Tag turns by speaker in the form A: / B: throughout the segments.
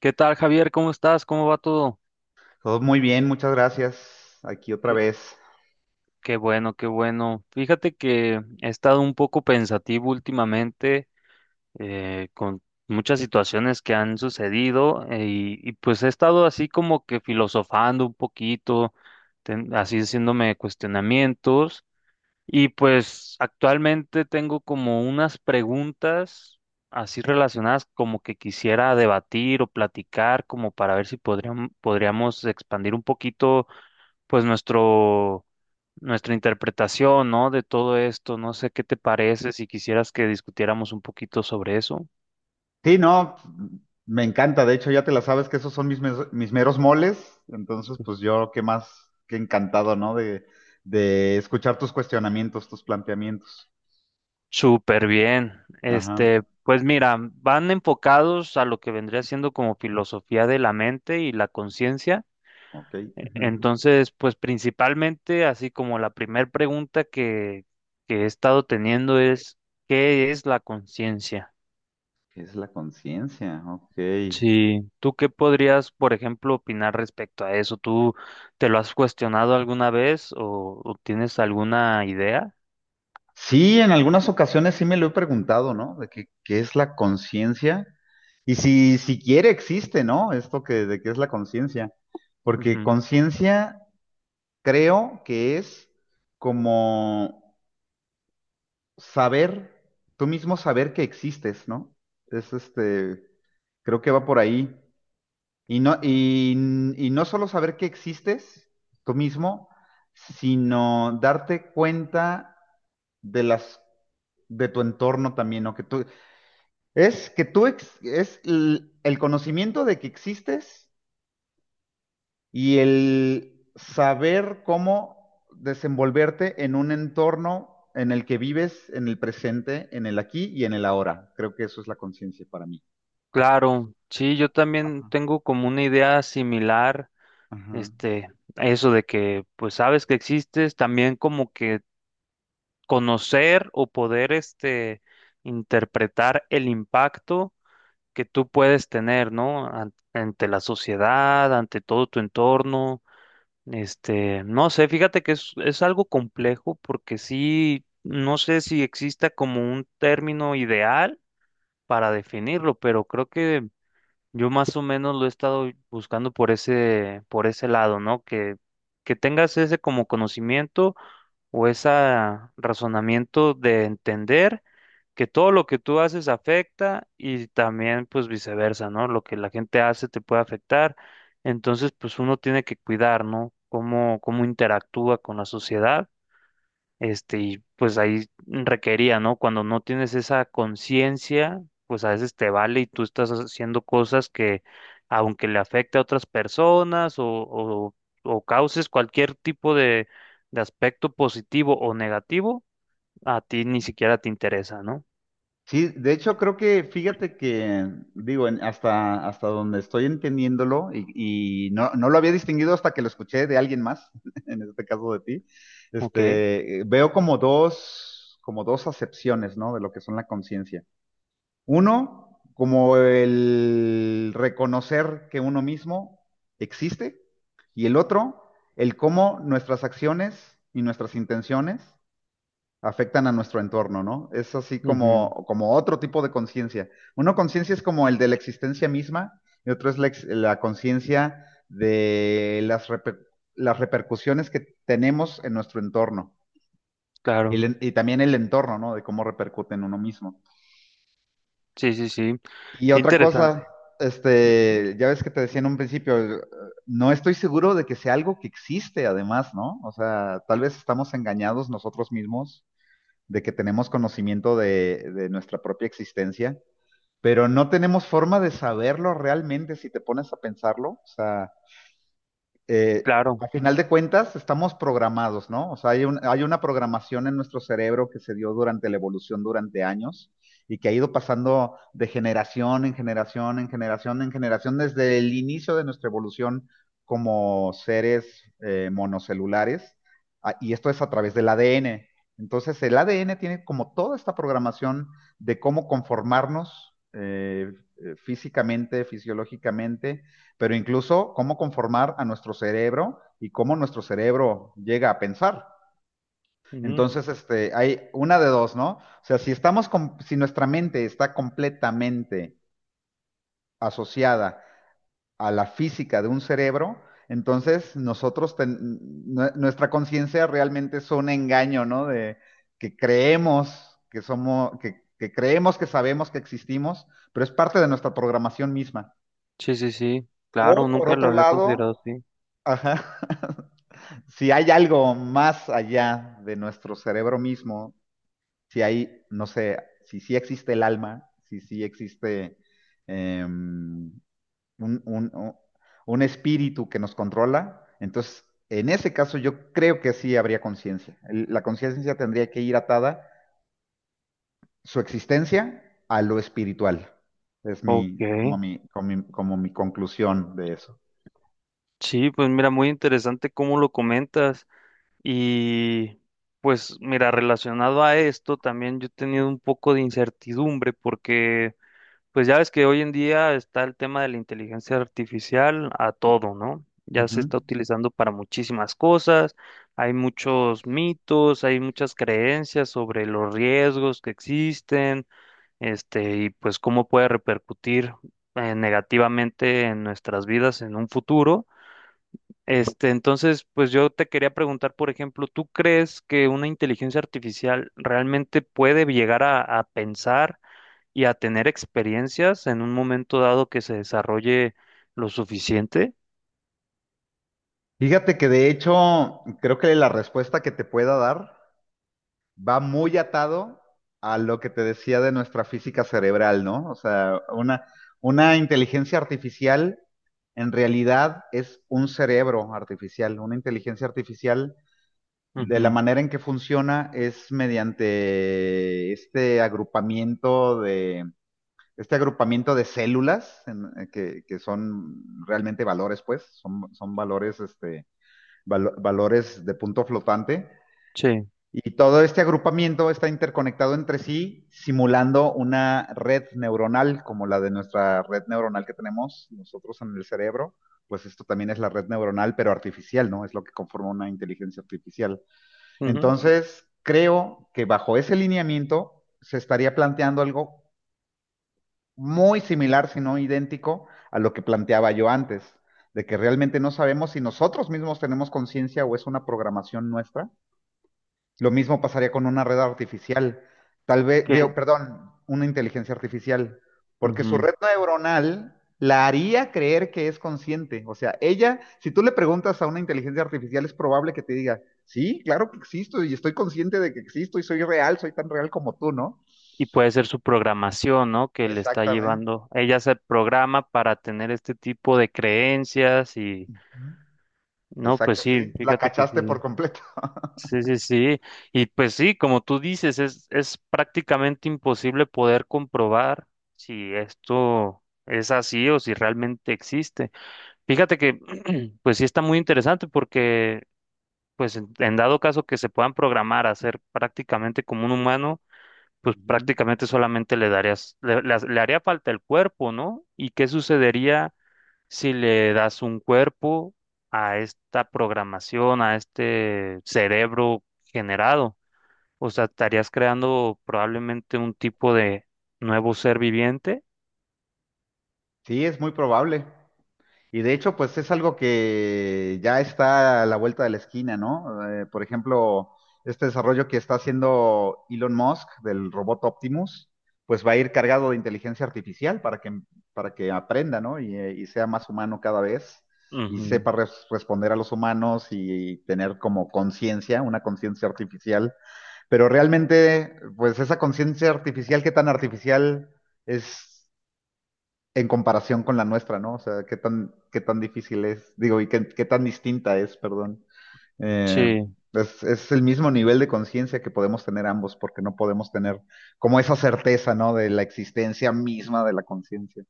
A: ¿Qué tal, Javier? ¿Cómo estás? ¿Cómo va todo?
B: Todo muy bien, muchas gracias. Aquí otra
A: Qué,
B: vez.
A: qué bueno, qué bueno. Fíjate que he estado un poco pensativo últimamente con muchas situaciones que han sucedido, y pues he estado así como que filosofando un poquito, así haciéndome cuestionamientos. Y pues actualmente tengo como unas preguntas así relacionadas como que quisiera debatir o platicar como para ver si podríamos expandir un poquito pues nuestra interpretación, ¿no? De todo esto. No sé qué te parece si quisieras que discutiéramos un poquito sobre eso.
B: Sí, no, me encanta. De hecho, ya te la sabes que esos son mis meros moles. Entonces,
A: Su-
B: pues yo qué más que encantado, ¿no? De escuchar tus cuestionamientos, tus planteamientos.
A: Súper bien.
B: Ajá,
A: Este, pues mira, van enfocados a lo que vendría siendo como filosofía de la mente y la conciencia.
B: ok. Ujú.
A: Entonces, pues principalmente, así como la primera pregunta que he estado teniendo es, ¿qué es la conciencia?
B: ¿Qué es la conciencia? Ok.
A: Sí, ¿tú qué podrías, por ejemplo, opinar respecto a eso? ¿Tú te lo has cuestionado alguna vez o tienes alguna idea?
B: Sí, en algunas ocasiones sí me lo he preguntado, ¿no? De qué es la conciencia. Y si siquiera existe, ¿no? De qué es la conciencia. Porque
A: Ujú.
B: conciencia creo que es como saber, tú mismo saber que existes, ¿no? Es creo que va por ahí. Y no, y, y no solo saber que existes tú mismo, sino darte cuenta de las, de tu entorno también, ¿no? Que tú, es que tú, ex- es l- El conocimiento de que existes y el saber cómo desenvolverte en un entorno en el que vives, en el presente, en el aquí y en el ahora. Creo que eso es la conciencia para mí.
A: Claro, sí, yo también
B: Ajá.
A: tengo como una idea similar,
B: Ajá.
A: este, a eso de que, pues sabes que existes, también como que conocer o poder este, interpretar el impacto que tú puedes tener, ¿no? Ante la sociedad, ante todo tu entorno, este, no sé, fíjate que es algo complejo porque sí, no sé si exista como un término ideal para definirlo, pero creo que yo más o menos lo he estado buscando por por ese lado, ¿no? Que tengas ese como conocimiento o ese razonamiento de entender que todo lo que tú haces afecta y también pues viceversa, ¿no? Lo que la gente hace te puede afectar. Entonces, pues uno tiene que cuidar, ¿no? Cómo interactúa con la sociedad este, y pues ahí requería, ¿no? Cuando no tienes esa conciencia, pues a veces te vale y tú estás haciendo cosas que, aunque le afecte a otras personas o causes cualquier tipo de aspecto positivo o negativo, a ti ni siquiera te interesa, ¿no?
B: Sí, de hecho creo que, fíjate, hasta hasta, donde estoy entendiéndolo, y no lo había distinguido hasta que lo escuché de alguien más, en este caso de ti,
A: Ok.
B: veo como como dos acepciones, ¿no? De lo que son la conciencia. Uno, como el reconocer que uno mismo existe. Y el otro, el cómo nuestras acciones y nuestras intenciones afectan a nuestro entorno, ¿no? Es así
A: Ujú.
B: como otro tipo de conciencia. Una conciencia es como el de la existencia misma y otro es la conciencia de las repercusiones que tenemos en nuestro entorno
A: Claro.
B: y también el entorno, ¿no? De cómo repercute en uno mismo.
A: Sí, sí, sí.
B: Y
A: Qué
B: otra cosa,
A: interesante. Ujú.
B: ya ves que te decía en un principio, no estoy seguro de que sea algo que existe además, ¿no? O sea, tal vez estamos engañados nosotros mismos de que tenemos conocimiento de nuestra propia existencia, pero no tenemos forma de saberlo realmente si te pones a pensarlo. O sea, eh,
A: Claro.
B: a final de cuentas estamos programados, ¿no? O sea, hay una programación en nuestro cerebro que se dio durante la evolución durante años y que ha ido pasando de generación en generación, en generación, en generación, desde el inicio de nuestra evolución como seres monocelulares, y esto es a través del ADN. Entonces, el ADN tiene como toda esta programación de cómo conformarnos físicamente, fisiológicamente, pero incluso cómo conformar a nuestro cerebro y cómo nuestro cerebro llega a pensar.
A: Ujú.
B: Entonces, hay una de dos, ¿no? O sea, si nuestra mente está completamente asociada a la física de un cerebro, entonces nuestra conciencia realmente es un engaño, ¿no? De que creemos que que creemos que sabemos que existimos, pero es parte de nuestra programación misma.
A: Sí, sí, sí. Claro,
B: O por
A: nunca lo
B: otro
A: había
B: lado,
A: considerado así.
B: ajá, si hay algo más allá de nuestro cerebro mismo, si hay, no sé, si sí existe el alma, si sí existe eh, un, un, un espíritu que nos controla, entonces en ese caso yo creo que sí habría conciencia. La conciencia tendría que ir atada su existencia a lo espiritual. Es
A: Ok.
B: como mi conclusión de eso.
A: Sí, pues mira, muy interesante cómo lo comentas. Y pues mira, relacionado a esto, también yo he tenido un poco de incertidumbre porque pues ya ves que hoy en día está el tema de la inteligencia artificial a todo, ¿no? Ya se
B: Ujú.
A: está utilizando para muchísimas cosas, hay muchos mitos, hay muchas creencias sobre los riesgos que existen, este, y pues cómo puede repercutir negativamente en nuestras vidas en un futuro. Este, entonces, pues yo te quería preguntar, por ejemplo, ¿tú crees que una inteligencia artificial realmente puede llegar a pensar y a tener experiencias en un momento dado que se desarrolle lo suficiente?
B: Fíjate que de hecho creo que la respuesta que te pueda dar va muy atado a lo que te decía de nuestra física cerebral, ¿no? O sea, una inteligencia artificial en realidad es un cerebro artificial. Una inteligencia artificial, de la
A: Ujú,
B: manera en que funciona, es mediante este este agrupamiento de células, que son realmente valores, pues son valores de punto flotante
A: sí.
B: y todo este agrupamiento está interconectado entre sí, simulando una red neuronal como la de nuestra red neuronal que tenemos nosotros en el cerebro. Pues esto también es la red neuronal, pero artificial, ¿no? Es lo que conforma una inteligencia artificial.
A: Ujú,
B: Entonces, creo que bajo ese lineamiento se estaría planteando algo muy similar, si no idéntico, a lo que planteaba yo antes, de que realmente no sabemos si nosotros mismos tenemos conciencia o es una programación nuestra. Lo mismo pasaría con una red artificial,
A: que-
B: perdón, una inteligencia artificial, porque su
A: ujú.
B: red neuronal la haría creer que es consciente. O sea, ella, si tú le preguntas a una inteligencia artificial, es probable que te diga, sí, claro que existo y estoy consciente de que existo y soy real, soy tan real como tú, ¿no?
A: Y puede ser su programación, ¿no? Que le está
B: Exactamente.
A: llevando. Ella se programa para tener este tipo de creencias y,
B: Ujú.
A: no, pues
B: Exacto,
A: sí,
B: sí, la
A: fíjate que
B: cachaste por
A: sí.
B: completo.
A: Sí, sí, sí. Y pues sí, como tú dices, es prácticamente imposible poder comprobar si esto es así o si realmente existe. Fíjate que, pues sí está muy interesante porque, pues en dado caso que se puedan programar a ser prácticamente como un humano, pues
B: Ujú.
A: prácticamente solamente le le haría falta el cuerpo, ¿no? ¿Y qué sucedería si le das un cuerpo a esta programación, a este cerebro generado? O sea, estarías creando probablemente un tipo de nuevo ser viviente.
B: Sí, es muy probable. Y de hecho, pues es algo que ya está a la vuelta de la esquina, ¿no? Por ejemplo, este desarrollo que está haciendo Elon Musk del robot Optimus, pues va a ir cargado de inteligencia artificial para que aprenda, ¿no? Y y sea más humano cada vez y
A: Ujú.
B: sepa responder a los humanos y tener como conciencia, una conciencia artificial. Pero realmente, pues esa conciencia artificial, ¿qué tan artificial es? En comparación con la nuestra, ¿no? O sea, qué tan difícil es, digo, y qué tan distinta es, perdón. Eh,
A: Sí,
B: es, es el mismo nivel de conciencia que podemos tener ambos, porque no podemos tener como esa certeza, ¿no? De la existencia misma de la conciencia.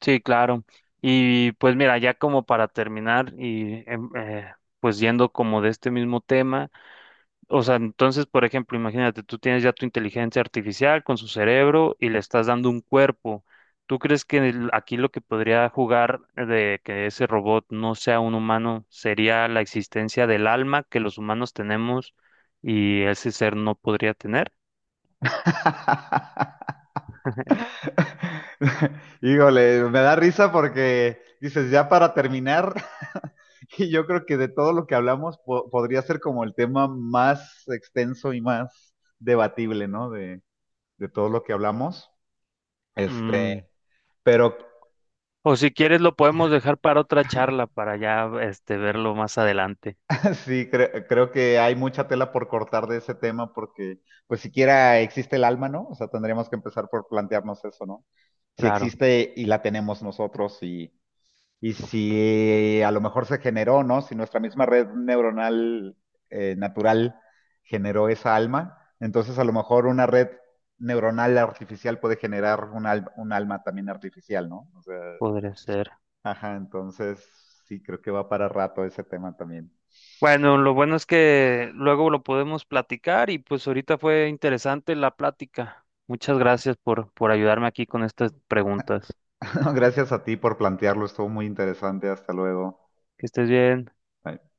A: sí, claro. Y pues mira, ya como para terminar y pues yendo como de este mismo tema. O sea, entonces, por ejemplo, imagínate, tú tienes ya tu inteligencia artificial con su cerebro y le estás dando un cuerpo. ¿Tú crees que aquí lo que podría jugar de que ese robot no sea un humano sería la existencia del alma que los humanos tenemos y ese ser no podría tener?
B: Híjole, me da risa porque dices, ya para terminar, y yo creo que de todo lo que hablamos podría ser como el tema más extenso y más debatible, ¿no? De todo lo que hablamos. Este,
A: Mm,
B: pero
A: O si quieres lo podemos dejar para otra charla, para ya este verlo más adelante.
B: sí, creo que hay mucha tela por cortar de ese tema porque, pues siquiera existe el alma, ¿no? O sea, tendríamos que empezar por plantearnos eso, ¿no? Si
A: Claro,
B: existe y la tenemos nosotros y si a lo mejor se generó, ¿no? Si nuestra misma red neuronal natural generó esa alma, entonces a lo mejor una red neuronal artificial puede generar un alma también artificial, ¿no? O sea,
A: podría ser.
B: ajá, entonces sí, creo que va para rato ese tema también.
A: Bueno, lo bueno es que luego lo podemos platicar y pues ahorita fue interesante la plática. Muchas gracias por ayudarme aquí con estas preguntas.
B: Gracias a ti por plantearlo, estuvo muy interesante. Hasta luego.
A: Que estés bien.
B: Bye.